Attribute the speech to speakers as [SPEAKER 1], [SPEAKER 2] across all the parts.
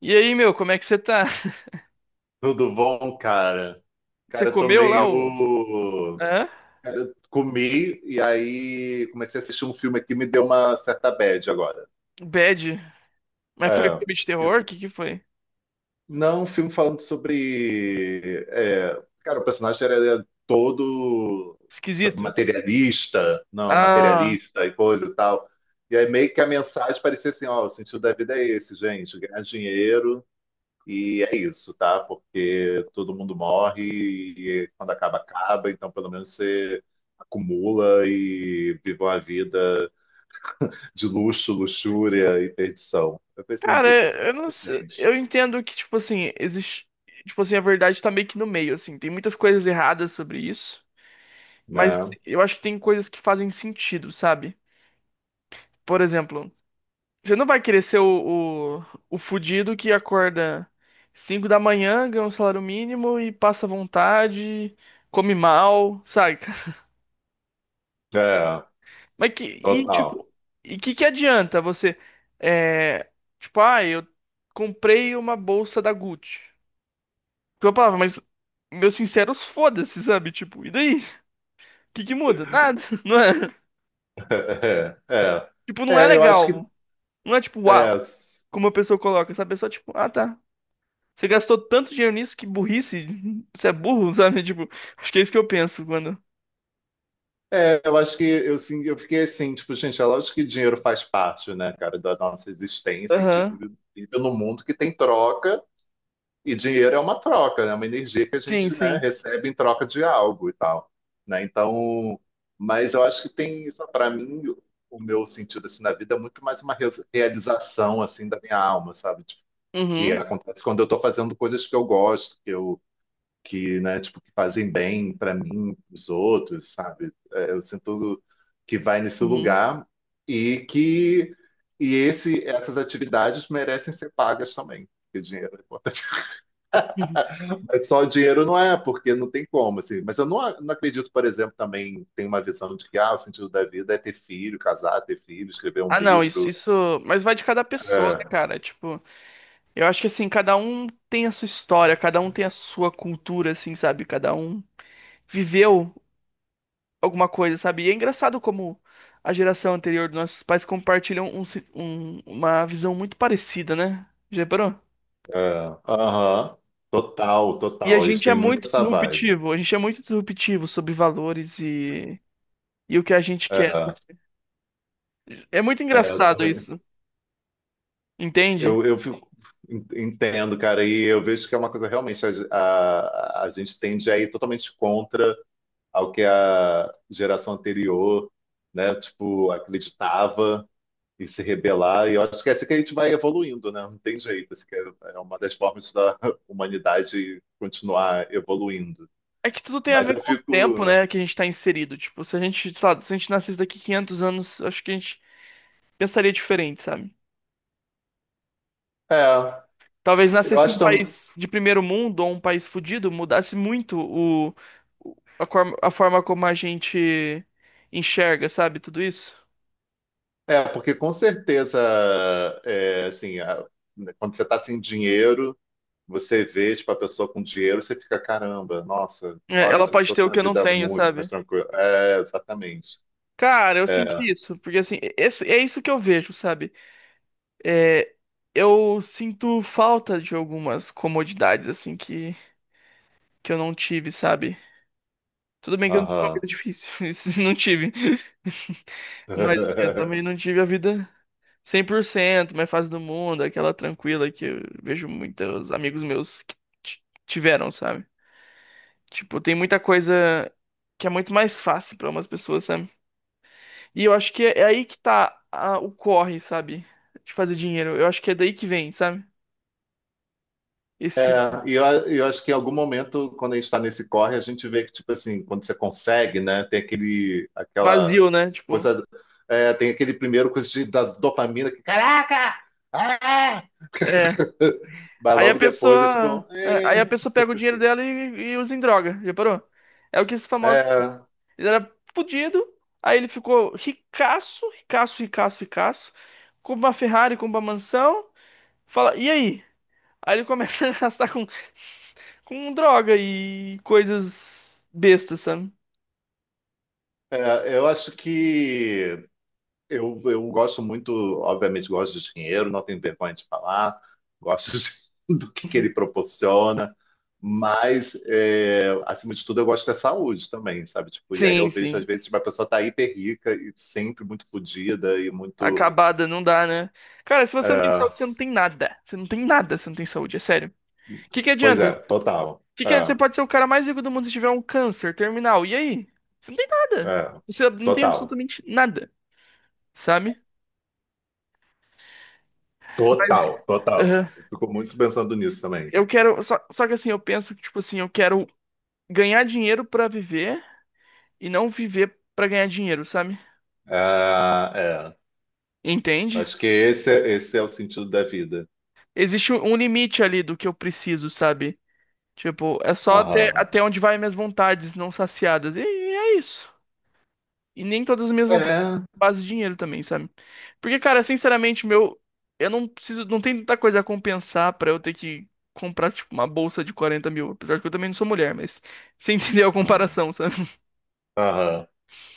[SPEAKER 1] E aí, meu, como é que você tá?
[SPEAKER 2] Tudo bom, cara?
[SPEAKER 1] Você
[SPEAKER 2] Cara, eu tô
[SPEAKER 1] comeu lá
[SPEAKER 2] meio.
[SPEAKER 1] o. Hã?
[SPEAKER 2] Cara, eu comi e aí comecei a assistir um filme aqui, me deu uma certa bad agora.
[SPEAKER 1] O Bad. Mas foi
[SPEAKER 2] É.
[SPEAKER 1] filme de terror? O que que foi?
[SPEAKER 2] Não, um filme falando sobre. Cara, o personagem era todo sabe,
[SPEAKER 1] Esquisito.
[SPEAKER 2] materialista, não,
[SPEAKER 1] Ah.
[SPEAKER 2] materialista e coisa e tal. E aí meio que a mensagem parecia assim: ó, o sentido da vida é esse, gente, ganhar dinheiro. E é isso, tá? Porque todo mundo morre e quando acaba, acaba. Então, pelo menos você acumula e vive uma vida de luxo, luxúria e perdição. Eu pensei, gente, será
[SPEAKER 1] Eu não
[SPEAKER 2] que,
[SPEAKER 1] sei.
[SPEAKER 2] gente,
[SPEAKER 1] Eu entendo que, tipo assim, existe. Tipo assim, a verdade tá meio que no meio, assim. Tem muitas coisas erradas sobre isso. Mas
[SPEAKER 2] né?
[SPEAKER 1] eu acho que tem coisas que fazem sentido, sabe? Por exemplo, você não vai querer ser o fudido que acorda 5 da manhã, ganha um salário mínimo e passa vontade, come mal, sabe?
[SPEAKER 2] É,
[SPEAKER 1] Mas que, e
[SPEAKER 2] total.
[SPEAKER 1] tipo, e que adianta você, é, tipo, ah, eu comprei uma bolsa da Gucci. Tipo, eu falava, mas meus sinceros foda-se, sabe? Tipo, e daí? Que muda? Nada, não é?
[SPEAKER 2] É, é.
[SPEAKER 1] Tipo, não é
[SPEAKER 2] É, eu acho que.
[SPEAKER 1] legal. Não é tipo,
[SPEAKER 2] É,
[SPEAKER 1] uau, como a pessoa coloca, sabe? É só tipo, ah, tá. Você gastou tanto dinheiro nisso que burrice, você é burro, sabe? Tipo, acho que é isso que eu penso quando.
[SPEAKER 2] eu acho que sim, eu fiquei assim, tipo, gente, é lógico que dinheiro faz parte, né, cara, da nossa existência. A gente
[SPEAKER 1] Aham.
[SPEAKER 2] vive num mundo que tem troca. E dinheiro é uma troca, né? É uma energia que a
[SPEAKER 1] Sim,
[SPEAKER 2] gente, né,
[SPEAKER 1] sim.
[SPEAKER 2] recebe em troca de algo e tal, né? Então, mas eu acho que tem isso para mim, o meu sentido assim na vida é muito mais uma realização assim da minha alma, sabe? Tipo, que
[SPEAKER 1] Uhum,
[SPEAKER 2] acontece quando eu estou fazendo coisas que eu gosto, que, né, tipo, que fazem bem para mim, para os outros, sabe? É, eu sinto que vai nesse
[SPEAKER 1] uhum.
[SPEAKER 2] lugar e que e esse essas atividades merecem ser pagas também, porque dinheiro é importante. Mas só o dinheiro não é, porque não tem como, assim. Mas eu não, a- não acredito, por exemplo, também tem uma visão de que ah, o sentido da vida é ter filho, casar, ter filho, escrever um
[SPEAKER 1] Ah, não, isso,
[SPEAKER 2] livro.
[SPEAKER 1] isso. Mas vai de cada pessoa, né,
[SPEAKER 2] É,
[SPEAKER 1] cara? Tipo. Eu acho que assim, cada um tem a sua história, cada um tem a sua cultura, assim, sabe? Cada um viveu alguma coisa, sabe? E é engraçado como a geração anterior dos nossos pais compartilham uma visão muito parecida, né? Já reparou?
[SPEAKER 2] é, aham. Total,
[SPEAKER 1] E a
[SPEAKER 2] total. Eles
[SPEAKER 1] gente é
[SPEAKER 2] têm muito
[SPEAKER 1] muito
[SPEAKER 2] essa vibe.
[SPEAKER 1] disruptivo, a gente é muito disruptivo sobre valores e o que a gente quer.
[SPEAKER 2] É,
[SPEAKER 1] É muito
[SPEAKER 2] é, eu
[SPEAKER 1] engraçado
[SPEAKER 2] também.
[SPEAKER 1] isso, entende?
[SPEAKER 2] Eu, eu fico- entendo, cara, e eu vejo que é uma coisa realmente a, a gente tende a ir totalmente contra ao que a geração anterior, né, tipo, acreditava. E se rebelar. E eu acho que é assim que a gente vai evoluindo, né? Não tem jeito. Assim que é é uma das formas da humanidade continuar evoluindo.
[SPEAKER 1] É que tudo tem a
[SPEAKER 2] Mas
[SPEAKER 1] ver
[SPEAKER 2] eu
[SPEAKER 1] com o tempo,
[SPEAKER 2] fico.
[SPEAKER 1] né, que a gente tá inserido. Tipo, se a gente, sei lá, se a gente nascesse daqui 500 anos, acho que a gente pensaria diferente, sabe?
[SPEAKER 2] É,
[SPEAKER 1] Talvez
[SPEAKER 2] eu
[SPEAKER 1] nascesse
[SPEAKER 2] acho
[SPEAKER 1] um
[SPEAKER 2] também.
[SPEAKER 1] país de primeiro mundo ou um país fudido, mudasse muito a forma como a gente enxerga, sabe, tudo isso.
[SPEAKER 2] É, porque com certeza, assim, né, quando você está sem dinheiro, você vê, tipo, a pessoa com dinheiro, você fica, caramba, nossa,
[SPEAKER 1] É,
[SPEAKER 2] olha,
[SPEAKER 1] ela
[SPEAKER 2] essa
[SPEAKER 1] pode
[SPEAKER 2] pessoa
[SPEAKER 1] ter o
[SPEAKER 2] tem
[SPEAKER 1] que
[SPEAKER 2] uma
[SPEAKER 1] eu não
[SPEAKER 2] vida
[SPEAKER 1] tenho,
[SPEAKER 2] muito mais
[SPEAKER 1] sabe?
[SPEAKER 2] tranquila. É, exatamente.
[SPEAKER 1] Cara, eu senti
[SPEAKER 2] É,
[SPEAKER 1] isso, porque assim, é isso que eu vejo, sabe? É, eu sinto falta de algumas comodidades, assim, que eu não tive, sabe? Tudo bem que eu não tive uma
[SPEAKER 2] aham.
[SPEAKER 1] vida difícil, isso não tive, mas assim, eu também não tive a vida 100% mais fácil do mundo, aquela tranquila que eu vejo muitos amigos meus que tiveram, sabe? Tipo, tem muita coisa que é muito mais fácil pra umas pessoas, sabe? E eu acho que é aí que tá o corre, sabe? De fazer dinheiro. Eu acho que é daí que vem, sabe?
[SPEAKER 2] É,
[SPEAKER 1] Esse
[SPEAKER 2] e eu acho que em algum momento, quando a gente está nesse corre, a gente vê que, tipo assim, quando você consegue, né, tem aquela
[SPEAKER 1] vazio, né? Tipo,
[SPEAKER 2] coisa, é, tem aquele primeiro coisa de, da dopamina, que, caraca! Ah!
[SPEAKER 1] é.
[SPEAKER 2] Mas logo depois é tipo,
[SPEAKER 1] Aí a pessoa pega o dinheiro dela e usa em droga, já parou? É o que esses famosos.
[SPEAKER 2] é,
[SPEAKER 1] Ele era fudido, aí ele ficou ricaço, ricaço. Compra uma Ferrari, compra uma mansão. Fala, e aí? Aí ele começa a gastar com droga e coisas bestas, sabe?
[SPEAKER 2] eu acho que eu gosto muito, obviamente, gosto de dinheiro, não tenho vergonha de falar, gosto que
[SPEAKER 1] Uhum.
[SPEAKER 2] ele proporciona, mas, é, acima de tudo, eu gosto da saúde também, sabe? Tipo, e aí eu
[SPEAKER 1] Sim,
[SPEAKER 2] vejo, às
[SPEAKER 1] sim.
[SPEAKER 2] vezes, uma pessoa tá hiper rica e sempre muito fodida e muito.
[SPEAKER 1] Acabada, não dá, né? Cara, se você não tem
[SPEAKER 2] É,
[SPEAKER 1] saúde, você não tem nada. Você não tem nada, você não tem saúde, é sério. O que que
[SPEAKER 2] pois
[SPEAKER 1] adianta?
[SPEAKER 2] é, total.
[SPEAKER 1] Que é- Você
[SPEAKER 2] É,
[SPEAKER 1] pode ser o cara mais rico do mundo se tiver um câncer terminal. E aí? Você não tem nada.
[SPEAKER 2] é,
[SPEAKER 1] Você não tem
[SPEAKER 2] total.
[SPEAKER 1] absolutamente nada, sabe?
[SPEAKER 2] Total, total. Eu fico muito pensando nisso também.
[SPEAKER 1] Eu quero. Só que assim, eu penso que, tipo assim, eu quero ganhar dinheiro pra viver e não viver pra ganhar dinheiro, sabe?
[SPEAKER 2] É, é.
[SPEAKER 1] Entende?
[SPEAKER 2] Acho que esse é o sentido da vida.
[SPEAKER 1] Existe um limite ali do que eu preciso, sabe? Tipo, é só até,
[SPEAKER 2] Aham.
[SPEAKER 1] até onde vai minhas vontades não saciadas. E é isso. E nem todas as minhas vontades
[SPEAKER 2] É.
[SPEAKER 1] fazem dinheiro também, sabe? Porque, cara, sinceramente, meu. Eu não preciso. Não tem tanta coisa a compensar pra eu ter que comprar, tipo, uma bolsa de 40 mil. Apesar de que eu também não sou mulher, mas. Você entendeu a comparação, sabe?
[SPEAKER 2] Aham.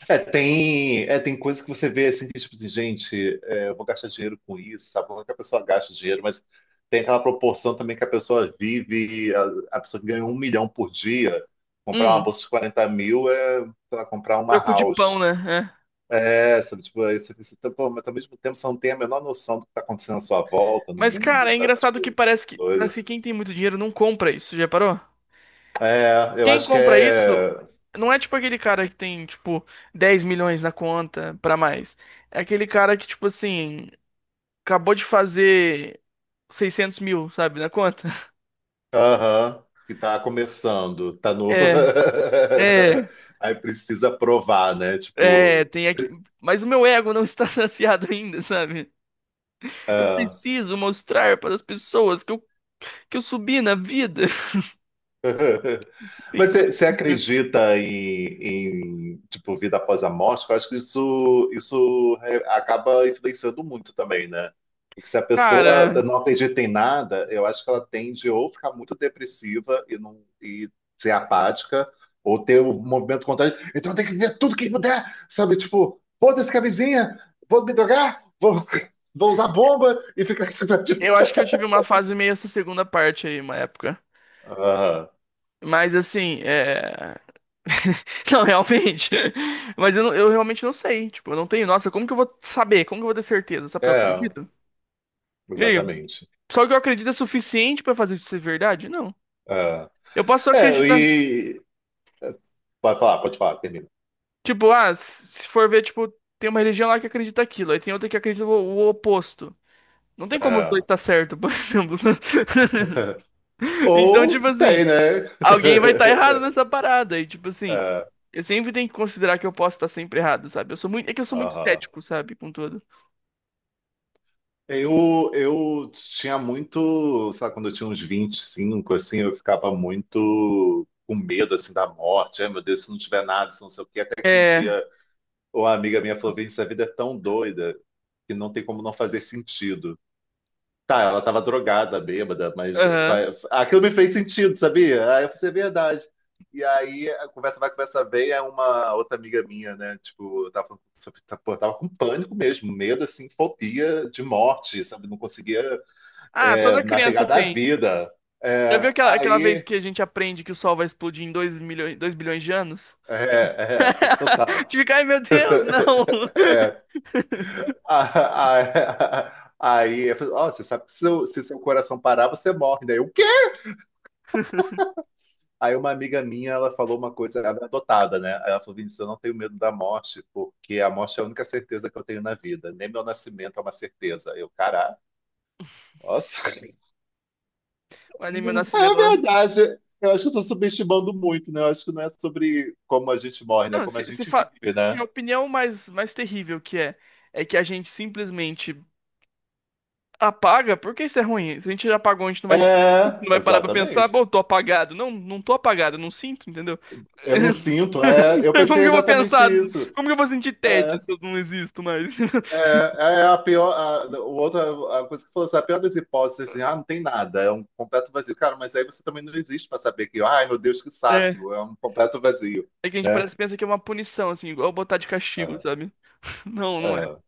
[SPEAKER 2] É, tem coisas que você vê assim, que tipo assim, gente, é, eu vou gastar dinheiro com isso, sabe? Como é que a pessoa gasta dinheiro, mas tem aquela proporção também que a pessoa vive, a pessoa que ganha 1 milhão por dia, comprar uma
[SPEAKER 1] Hum.
[SPEAKER 2] bolsa de 40 mil é, sei lá, comprar uma
[SPEAKER 1] Troco de pão,
[SPEAKER 2] house.
[SPEAKER 1] né? É.
[SPEAKER 2] É, sabe, tipo, isso, pô, mas ao mesmo tempo você não tem a menor noção do que está acontecendo à sua volta, no
[SPEAKER 1] Mas,
[SPEAKER 2] mundo,
[SPEAKER 1] cara, é
[SPEAKER 2] sabe?
[SPEAKER 1] engraçado que
[SPEAKER 2] Tipo, doido.
[SPEAKER 1] parece que quem tem muito dinheiro não compra isso, já parou?
[SPEAKER 2] É, eu
[SPEAKER 1] Quem
[SPEAKER 2] acho que
[SPEAKER 1] compra isso
[SPEAKER 2] é.
[SPEAKER 1] não é tipo aquele cara que tem, tipo, 10 milhões na conta pra mais. É aquele cara que, tipo assim, acabou de fazer 600 mil, sabe, na conta.
[SPEAKER 2] Aham, que tá começando, tá no.
[SPEAKER 1] É, é,
[SPEAKER 2] Aí precisa provar, né? Tipo,
[SPEAKER 1] É, tem aqui. Mas o meu ego não está saciado ainda, sabe? Eu
[SPEAKER 2] é.
[SPEAKER 1] preciso mostrar para as pessoas que eu subi na vida.
[SPEAKER 2] Mas
[SPEAKER 1] Então,
[SPEAKER 2] você acredita em, em, tipo vida após a morte? Eu acho que acaba influenciando muito também, né? Porque se a pessoa
[SPEAKER 1] cara,
[SPEAKER 2] não acredita em nada, eu acho que ela tende ou ficar muito depressiva e não e ser apática, ou ter o movimento contrário. Então tem que ver tudo que puder, sabe? Tipo, foda-se que a vizinha, vou me drogar, vou usar bomba e ficar.
[SPEAKER 1] eu acho que eu tive uma fase meio essa segunda parte aí, uma época.
[SPEAKER 2] Aham.
[SPEAKER 1] Mas assim, é. Não, realmente. Mas eu, eu realmente não sei. Tipo, eu não tenho. Nossa, como que eu vou saber? Como que eu vou ter certeza? Sabe o que eu
[SPEAKER 2] É,
[SPEAKER 1] acredito? E aí,
[SPEAKER 2] exatamente.
[SPEAKER 1] só que eu acredito é suficiente pra fazer isso ser verdade? Não.
[SPEAKER 2] É.
[SPEAKER 1] Eu posso só
[SPEAKER 2] É,
[SPEAKER 1] acreditar.
[SPEAKER 2] e pode falar, termina.
[SPEAKER 1] Tipo, ah, se for ver, tipo, tem uma religião lá que acredita aquilo, aí tem outra que acredita o oposto. Não tem como os dois
[SPEAKER 2] Ah.
[SPEAKER 1] estar certo, por exemplo. Então,
[SPEAKER 2] Ou
[SPEAKER 1] tipo assim,
[SPEAKER 2] tem, né?
[SPEAKER 1] alguém vai estar errado nessa parada. E, tipo assim,
[SPEAKER 2] É,
[SPEAKER 1] eu sempre tenho que considerar que eu posso estar sempre errado, sabe? Eu sou muito
[SPEAKER 2] aham.
[SPEAKER 1] cético, sabe? Com tudo.
[SPEAKER 2] Eu tinha muito, sabe, quando eu tinha uns 25, assim, eu ficava muito com medo, assim, da morte. Ai, meu Deus, se não tiver nada, se não sei o quê. Até que um
[SPEAKER 1] É,
[SPEAKER 2] dia uma amiga minha falou, Vini, essa vida é tão doida que não tem como não fazer sentido. Tá, ela tava drogada, bêbada, mas
[SPEAKER 1] aham.
[SPEAKER 2] aquilo me fez sentido, sabia? Aí eu falei, assim, é verdade. E aí, a conversa vai, conversa vem, é uma outra amiga minha, né? Tipo, eu tava, pô, eu tava com pânico mesmo, medo, assim, fobia de morte, sabe? Não conseguia,
[SPEAKER 1] Ah, toda
[SPEAKER 2] é,
[SPEAKER 1] criança
[SPEAKER 2] navegar da
[SPEAKER 1] tem.
[SPEAKER 2] vida.
[SPEAKER 1] Já viu
[SPEAKER 2] É,
[SPEAKER 1] aquela vez
[SPEAKER 2] aí,
[SPEAKER 1] que a gente aprende que o Sol vai explodir em 2 milhões, 2 bilhões de anos?
[SPEAKER 2] é, é, total.
[SPEAKER 1] Te fica, ai meu Deus, não!
[SPEAKER 2] Aí, eu falei, ó, você sabe que se seu coração parar, você morre, né? Eu, o quê? Aí uma amiga minha, ela falou uma coisa, ela é adotada, né? Ela falou, Vinícius, eu não tenho medo da morte, porque a morte é a única certeza que eu tenho na vida. Nem meu nascimento é uma certeza. Eu, caralho, nossa.
[SPEAKER 1] Ali meu
[SPEAKER 2] É
[SPEAKER 1] nascimento. Ela-
[SPEAKER 2] verdade. Eu acho que eu tô subestimando muito, né? Eu acho que não é sobre como a gente morre, né? É
[SPEAKER 1] Não,
[SPEAKER 2] como a gente vive,
[SPEAKER 1] se a
[SPEAKER 2] né?
[SPEAKER 1] opinião mais, mais terrível que é, é que a gente simplesmente apaga? Por que isso é ruim? Se a gente já apagou, a gente não vai,
[SPEAKER 2] É,
[SPEAKER 1] não vai parar pra pensar, pô,
[SPEAKER 2] exatamente.
[SPEAKER 1] eu tô apagado. Não, não tô apagado, eu não sinto, entendeu?
[SPEAKER 2] Eu não sinto. É, eu
[SPEAKER 1] Como
[SPEAKER 2] pensei
[SPEAKER 1] que eu vou
[SPEAKER 2] exatamente
[SPEAKER 1] pensar?
[SPEAKER 2] isso.
[SPEAKER 1] Como que eu vou sentir tédio
[SPEAKER 2] É.
[SPEAKER 1] se eu não existo mais?
[SPEAKER 2] É, é a pior. A a coisa que falou assim, a pior das hipóteses, assim, ah, não tem nada, é um completo vazio. Cara, mas aí você também não existe para saber que, ai, meu Deus, que
[SPEAKER 1] É,
[SPEAKER 2] saco, é um completo vazio,
[SPEAKER 1] é que a gente
[SPEAKER 2] né?
[SPEAKER 1] parece pensa que é uma punição, assim, igual botar de castigo,
[SPEAKER 2] É,
[SPEAKER 1] sabe? Não, não é.
[SPEAKER 2] é.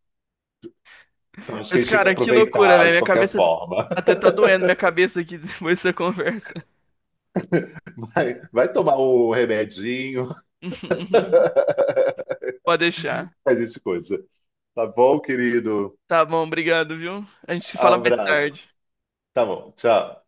[SPEAKER 2] Então acho que
[SPEAKER 1] Mas,
[SPEAKER 2] a gente tem que
[SPEAKER 1] cara, que loucura,
[SPEAKER 2] aproveitar
[SPEAKER 1] velho.
[SPEAKER 2] de
[SPEAKER 1] Minha
[SPEAKER 2] qualquer
[SPEAKER 1] cabeça
[SPEAKER 2] forma.
[SPEAKER 1] até tá doendo, minha cabeça aqui depois dessa conversa.
[SPEAKER 2] Vai tomar o remedinho,
[SPEAKER 1] Pode deixar.
[SPEAKER 2] faz esse coisa. Tá bom, querido?
[SPEAKER 1] Tá bom, obrigado, viu? A gente se fala mais
[SPEAKER 2] Abraço.
[SPEAKER 1] tarde.
[SPEAKER 2] Tá bom, tchau.